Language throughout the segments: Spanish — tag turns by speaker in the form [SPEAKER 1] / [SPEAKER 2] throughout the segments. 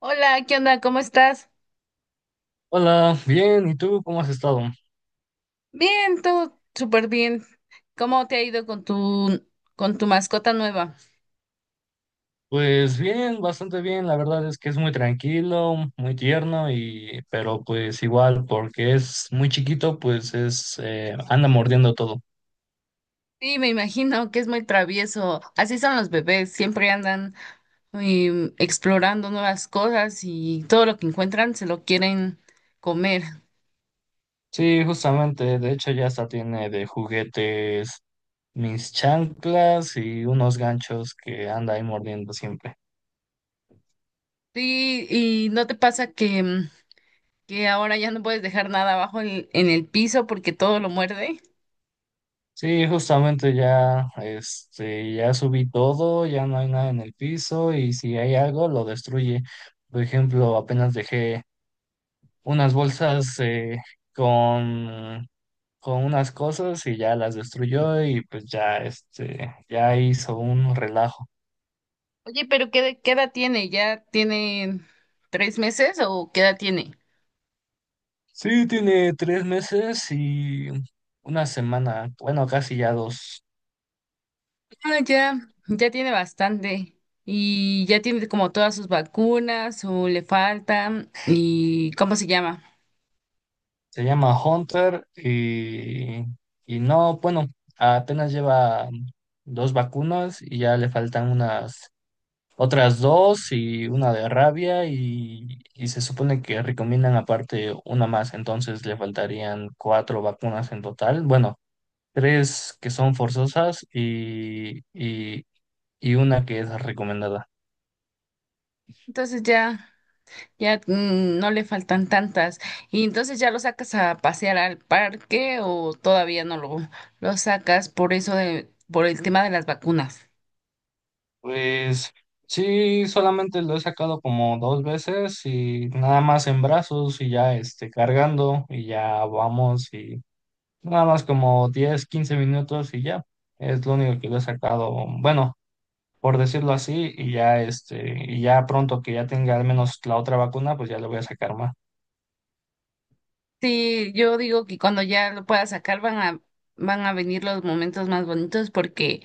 [SPEAKER 1] Hola, ¿qué onda? ¿Cómo estás?
[SPEAKER 2] Hola, bien, ¿y tú cómo has estado?
[SPEAKER 1] Bien, todo súper bien. ¿Cómo te ha ido con tu mascota nueva?
[SPEAKER 2] Pues bien, bastante bien, la verdad es que es muy tranquilo, muy tierno y pero pues igual porque es muy chiquito, pues es anda mordiendo todo.
[SPEAKER 1] Sí, me imagino que es muy travieso. Así son los bebés, siempre andan explorando nuevas cosas y todo lo que encuentran se lo quieren comer.
[SPEAKER 2] Sí, justamente, de hecho ya hasta tiene de juguetes mis chanclas y unos ganchos que anda ahí mordiendo siempre.
[SPEAKER 1] Sí, y ¿no te pasa que, que ahora ya no puedes dejar nada abajo en el piso porque todo lo muerde?
[SPEAKER 2] Sí, justamente ya este ya subí todo, ya no hay nada en el piso y si hay algo lo destruye. Por ejemplo, apenas dejé unas bolsas con, con unas cosas y ya las destruyó y pues ya, este, ya hizo un relajo.
[SPEAKER 1] Oye, pero ¿qué edad tiene? ¿Ya tiene tres meses o qué edad tiene?
[SPEAKER 2] Sí, tiene 3 meses y una semana, bueno, casi ya dos.
[SPEAKER 1] Ah, ya, ya tiene bastante y ya tiene como todas sus vacunas o le faltan y ¿cómo se llama?
[SPEAKER 2] Se llama Hunter y no, bueno, apenas lleva dos vacunas y ya le faltan unas otras dos y una de rabia y se supone que recomiendan aparte una más, entonces le faltarían cuatro vacunas en total. Bueno, tres que son forzosas y una que es recomendada.
[SPEAKER 1] Entonces ya, ya, no le faltan tantas y entonces ya lo sacas a pasear al parque o todavía no lo sacas por eso de, por el tema de las vacunas.
[SPEAKER 2] Pues sí, solamente lo he sacado como dos veces y nada más en brazos y ya este, cargando y ya vamos y nada más como 10 15 minutos y ya. Es lo único que lo he sacado. Bueno, por decirlo así, y ya este, y ya pronto que ya tenga al menos la otra vacuna, pues ya le voy a sacar más.
[SPEAKER 1] Sí, yo digo que cuando ya lo pueda sacar van a venir los momentos más bonitos porque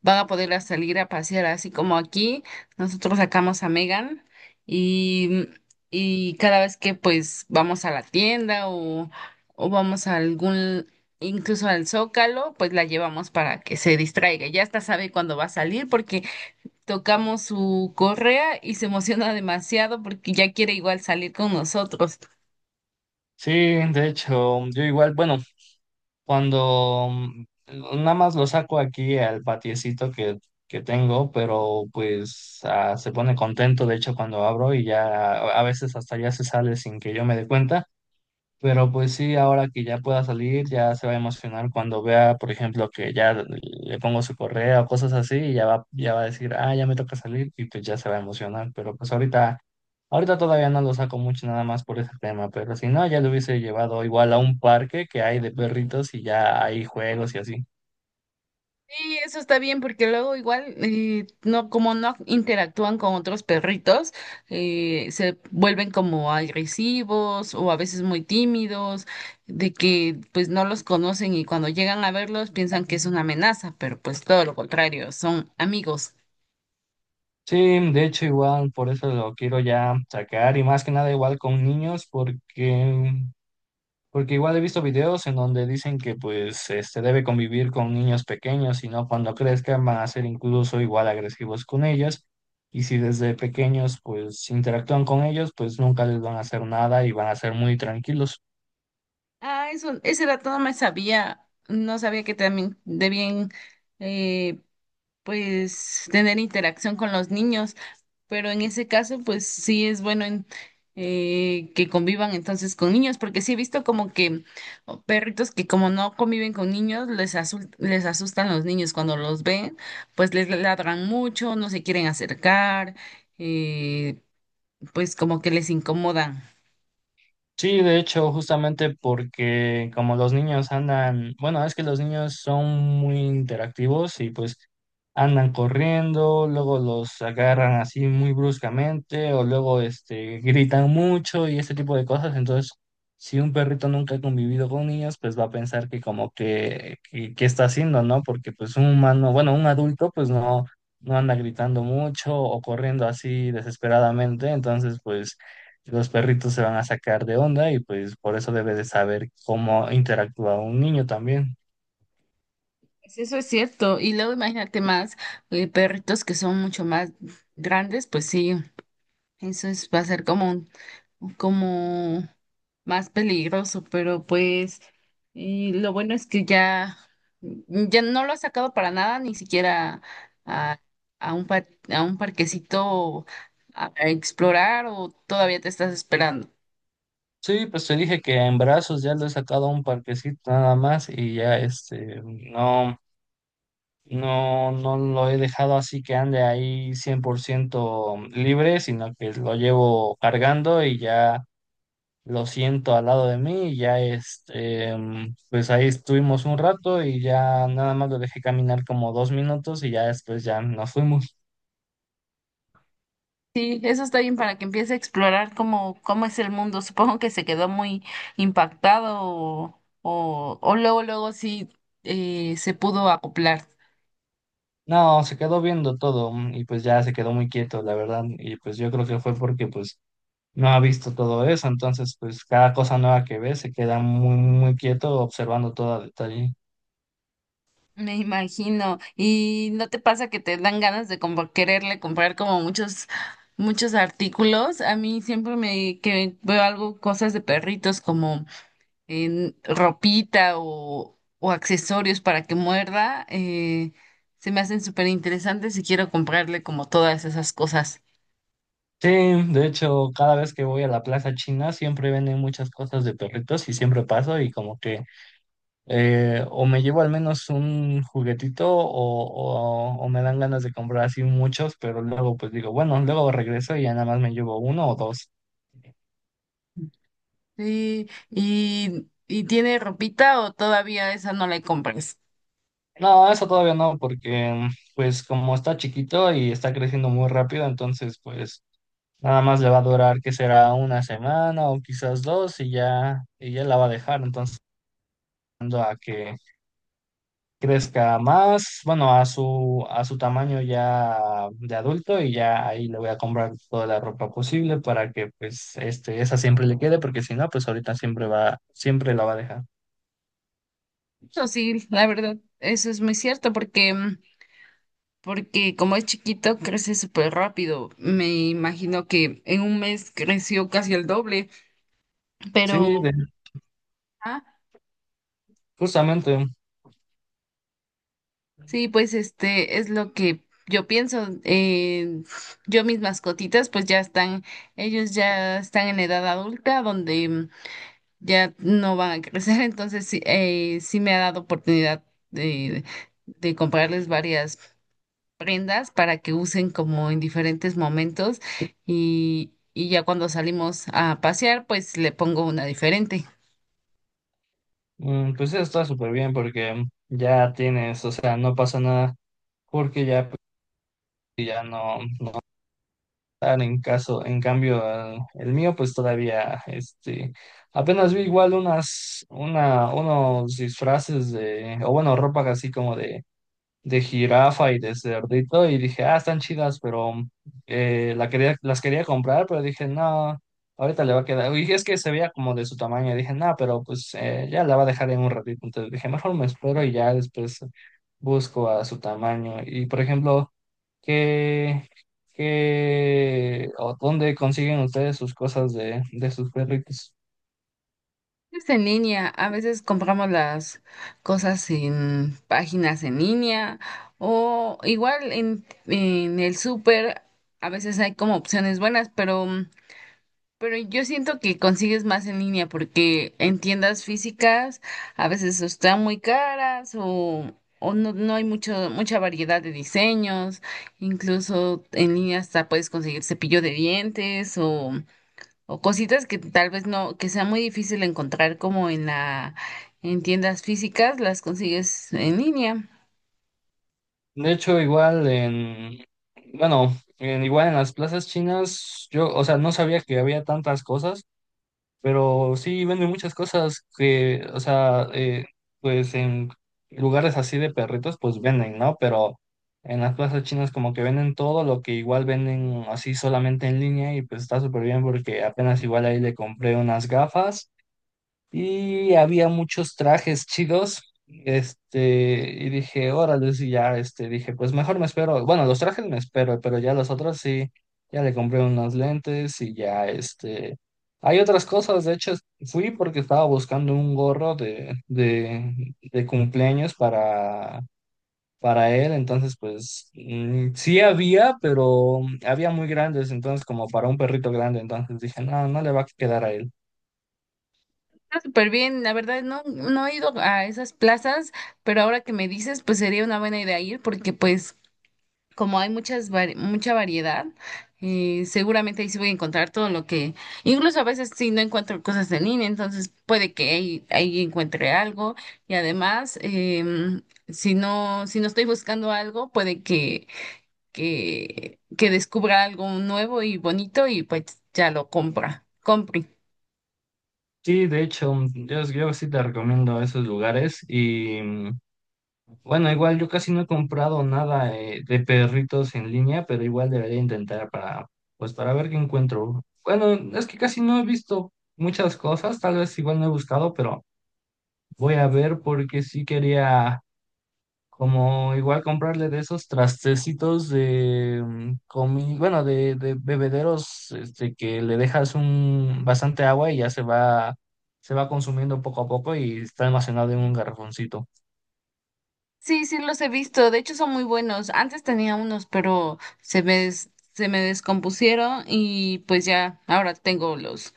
[SPEAKER 1] van a poder salir a pasear así como aquí. Nosotros sacamos a Megan y, y cada vez que pues vamos a la tienda o vamos a algún, incluso al Zócalo, pues la llevamos para que se distraiga. Ya hasta sabe cuándo va a salir porque tocamos su correa y se emociona demasiado porque ya quiere igual salir con nosotros.
[SPEAKER 2] Sí, de hecho, yo igual, bueno, cuando nada más lo saco aquí al patiecito que tengo, pero pues ah, se pone contento, de hecho, cuando abro y ya a veces hasta ya se sale sin que yo me dé cuenta. Pero pues sí, ahora que ya pueda salir, ya se va a emocionar cuando vea, por ejemplo, que ya le pongo su correa o cosas así, y ya va a decir, ah, ya me toca salir, y pues ya se va a emocionar. Pero pues ahorita todavía no lo saco mucho nada más por ese tema, pero si no, ya lo hubiese llevado igual a un parque que hay de perritos y ya hay juegos y así.
[SPEAKER 1] Sí, eso está bien porque luego igual no como no interactúan con otros perritos se vuelven como agresivos o a veces muy tímidos de que pues no los conocen y cuando llegan a verlos piensan que es una amenaza, pero pues todo lo contrario, son amigos.
[SPEAKER 2] Sí, de hecho igual por eso lo quiero ya sacar y más que nada igual con niños porque igual he visto videos en donde dicen que pues este debe convivir con niños pequeños y no cuando crezcan van a ser incluso igual agresivos con ellas. Y si desde pequeños pues interactúan con ellos, pues nunca les van a hacer nada y van a ser muy tranquilos.
[SPEAKER 1] Ah, eso, ese dato no me sabía, no sabía que también debían eh, pues tener interacción con los niños, pero en ese caso pues sí es bueno que convivan entonces con niños, porque sí he visto como que o perritos que como no conviven con niños, les les asustan los niños cuando los ven, pues les ladran mucho, no se quieren acercar, eh, pues como que les incomodan.
[SPEAKER 2] Sí, de hecho, justamente porque como los niños andan, bueno, es que los niños son muy interactivos y pues andan corriendo, luego los agarran así muy bruscamente o luego este gritan mucho y ese tipo de cosas, entonces si un perrito nunca ha convivido con niños, pues va a pensar que como que que está haciendo, ¿no? Porque pues un humano, bueno, un adulto pues no anda gritando mucho o corriendo así desesperadamente, entonces pues los perritos se van a sacar de onda y pues por eso debe de saber cómo interactúa un niño también.
[SPEAKER 1] Pues eso es cierto, y luego imagínate más perritos que son mucho más grandes, pues sí, eso es, va a ser como un como más peligroso, pero pues y lo bueno es que ya, ya no lo ha sacado para nada, ni siquiera a, a un, a un parquecito a explorar, o todavía te estás esperando.
[SPEAKER 2] Sí, pues te dije que en brazos ya lo he sacado a un parquecito nada más y ya este, no, no, no lo he dejado así que ande ahí 100% libre, sino que lo llevo cargando y ya lo siento al lado de mí y ya este, pues ahí estuvimos un rato y ya nada más lo dejé caminar como 2 minutos y ya después ya nos fuimos.
[SPEAKER 1] Sí, eso está bien para que empiece a explorar cómo, cómo es el mundo. Supongo que se quedó muy impactado o luego, luego sí se pudo acoplar.
[SPEAKER 2] No, se quedó viendo todo y pues ya se quedó muy quieto, la verdad. Y pues yo creo que fue porque pues no ha visto todo eso. Entonces, pues cada cosa nueva que ve se queda muy, muy quieto observando todo a detalle.
[SPEAKER 1] Me imagino. ¿Y no te pasa que te dan ganas de como quererle comprar como muchos, muchos artículos? A mí siempre me que veo algo, cosas de perritos como en ropita o accesorios para que muerda, se me hacen súper interesantes y quiero comprarle como todas esas cosas.
[SPEAKER 2] Sí, de hecho, cada vez que voy a la Plaza China siempre venden muchas cosas de perritos y siempre paso y como que o me llevo al menos un juguetito o, o me dan ganas de comprar así muchos, pero luego pues digo, bueno, luego regreso y ya nada más me llevo uno o dos.
[SPEAKER 1] Sí, y tiene ropita o todavía esa no la compras.
[SPEAKER 2] No, eso todavía no, porque pues como está chiquito y está creciendo muy rápido, entonces pues nada más le va a durar que será una semana o quizás dos y ya la va a dejar. Entonces, esperando a que crezca más, bueno, a su tamaño ya de adulto y ya ahí le voy a comprar toda la ropa posible para que pues este, esa siempre le quede, porque si no, pues ahorita siempre va, siempre la va a dejar.
[SPEAKER 1] Eso sí, la verdad, eso es muy cierto porque como es chiquito, crece súper rápido. Me imagino que en un mes creció casi el doble,
[SPEAKER 2] Sí,
[SPEAKER 1] pero
[SPEAKER 2] de-
[SPEAKER 1] ah,
[SPEAKER 2] justamente.
[SPEAKER 1] sí, pues este es lo que yo pienso. Yo mis mascotitas, pues ya están, ellos ya están en edad adulta, donde, ya no van a crecer, entonces sí, sí me ha dado oportunidad de, de comprarles varias prendas para que usen como en diferentes momentos y ya cuando salimos a pasear, pues le pongo una diferente.
[SPEAKER 2] Mm, pues eso está súper bien porque ya tienes, o sea, no pasa nada porque ya, pues, si ya no, no están en caso, en cambio el mío pues todavía, este, apenas vi igual unas, una, unos disfraces de, o bueno, ropa así como de jirafa y de cerdito y dije, ah, están chidas, pero la quería, las quería comprar, pero dije, no, ahorita le va a quedar. Y es que se veía como de su tamaño, dije, no, pero pues ya la va a dejar en un ratito. Entonces dije, mejor me espero y ya después busco a su tamaño. Y por ejemplo, ¿qué, qué o dónde consiguen ustedes sus cosas de sus perritos?
[SPEAKER 1] Es en línea, a veces compramos las cosas en páginas en línea o igual en el súper, a veces hay como opciones buenas, pero yo siento que consigues más en línea porque en tiendas físicas a veces o están muy caras o no, no hay mucho, mucha variedad de diseños. Incluso en línea hasta puedes conseguir cepillo de dientes o cositas que tal vez no, que sea muy difícil encontrar como en la, en tiendas físicas, las consigues en línea.
[SPEAKER 2] De hecho, igual en, bueno, igual en las plazas chinas, yo, o sea, no sabía que había tantas cosas, pero sí venden muchas cosas que, o sea, pues en lugares así de perritos, pues venden, ¿no? Pero en las plazas chinas como que venden todo lo que igual venden así solamente en línea y pues está súper bien porque apenas igual ahí le compré unas gafas. Y había muchos trajes chidos. Este, y dije, órale, y ya, este, dije, pues mejor me espero. Bueno, los trajes me espero, pero ya los otros sí, ya le compré unos lentes y ya, este. Hay otras cosas, de hecho, fui porque estaba buscando un gorro de cumpleaños para él, entonces, pues, mm, sí había, pero había muy grandes, entonces, como para un perrito grande, entonces dije, no, no le va a quedar a él.
[SPEAKER 1] Está súper bien, la verdad no, no he ido a esas plazas, pero ahora que me dices, pues sería una buena idea ir porque pues como hay muchas mucha variedad, seguramente ahí sí voy a encontrar todo lo que, incluso a veces sí no encuentro cosas en línea, entonces puede que ahí, ahí encuentre algo y además, em, si no, si no estoy buscando algo, puede que, que descubra algo nuevo y bonito y pues ya lo compra, compre.
[SPEAKER 2] Sí, de hecho, yo sí te recomiendo esos lugares y bueno, igual yo casi no he comprado nada de perritos en línea, pero igual debería intentar para, pues para ver qué encuentro. Bueno, es que casi no he visto muchas cosas, tal vez igual no he buscado, pero voy a ver porque sí quería como igual comprarle de esos trastecitos de bueno, de, bebederos, este, que le dejas un bastante agua y ya se va consumiendo poco a poco y está almacenado en un garrafoncito.
[SPEAKER 1] Sí, sí los he visto, de hecho son muy buenos. Antes tenía unos, pero se me, se me descompusieron y pues ya, ahora tengo los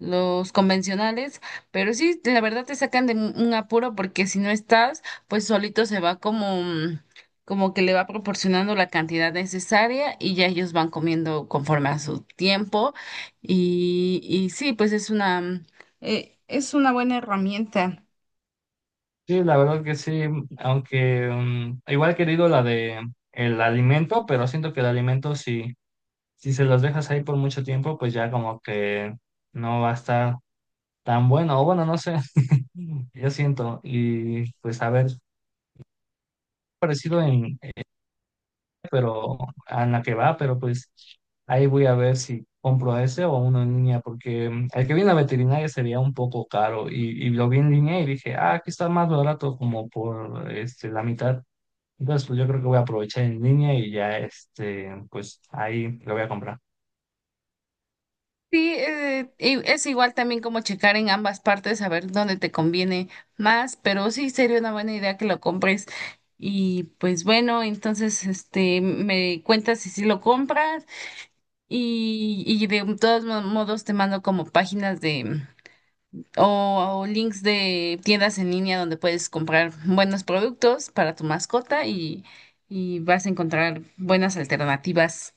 [SPEAKER 1] los convencionales, pero sí, de la verdad te sacan de un apuro porque si no estás, pues solito se va como, como que le va proporcionando la cantidad necesaria y ya ellos van comiendo conforme a su tiempo y sí, pues es una, es una buena herramienta.
[SPEAKER 2] Sí, la verdad que sí, aunque igual he querido la de el alimento, pero siento que el alimento si se los dejas ahí por mucho tiempo, pues ya como que no va a estar tan bueno, o bueno, no sé, yo siento, y pues a ver parecido en, pero a la que va, pero pues ahí voy a ver si compro ese o uno en línea, porque el que viene a veterinaria sería un poco caro y lo vi en línea y dije, ah, aquí está más barato como por este, la mitad. Entonces, pues yo creo que voy a aprovechar en línea y ya, este, pues ahí lo voy a comprar.
[SPEAKER 1] Sí, y es igual también como checar en ambas partes, a ver dónde te conviene más, pero sí sería una buena idea que lo compres. Y pues bueno, entonces este me cuentas si sí lo compras y de todos modos te mando como páginas de o links de tiendas en línea donde puedes comprar buenos productos para tu mascota y vas a encontrar buenas alternativas.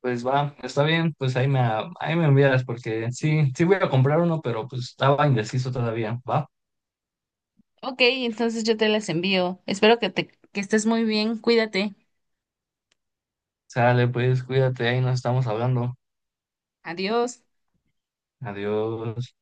[SPEAKER 2] Pues va, está bien, pues ahí me envías porque sí, sí voy a comprar uno, pero pues estaba indeciso todavía, ¿va?
[SPEAKER 1] Ok, entonces yo te las envío. Espero que te que estés muy bien. Cuídate.
[SPEAKER 2] Sale, pues cuídate, ahí nos estamos hablando.
[SPEAKER 1] Adiós.
[SPEAKER 2] Adiós.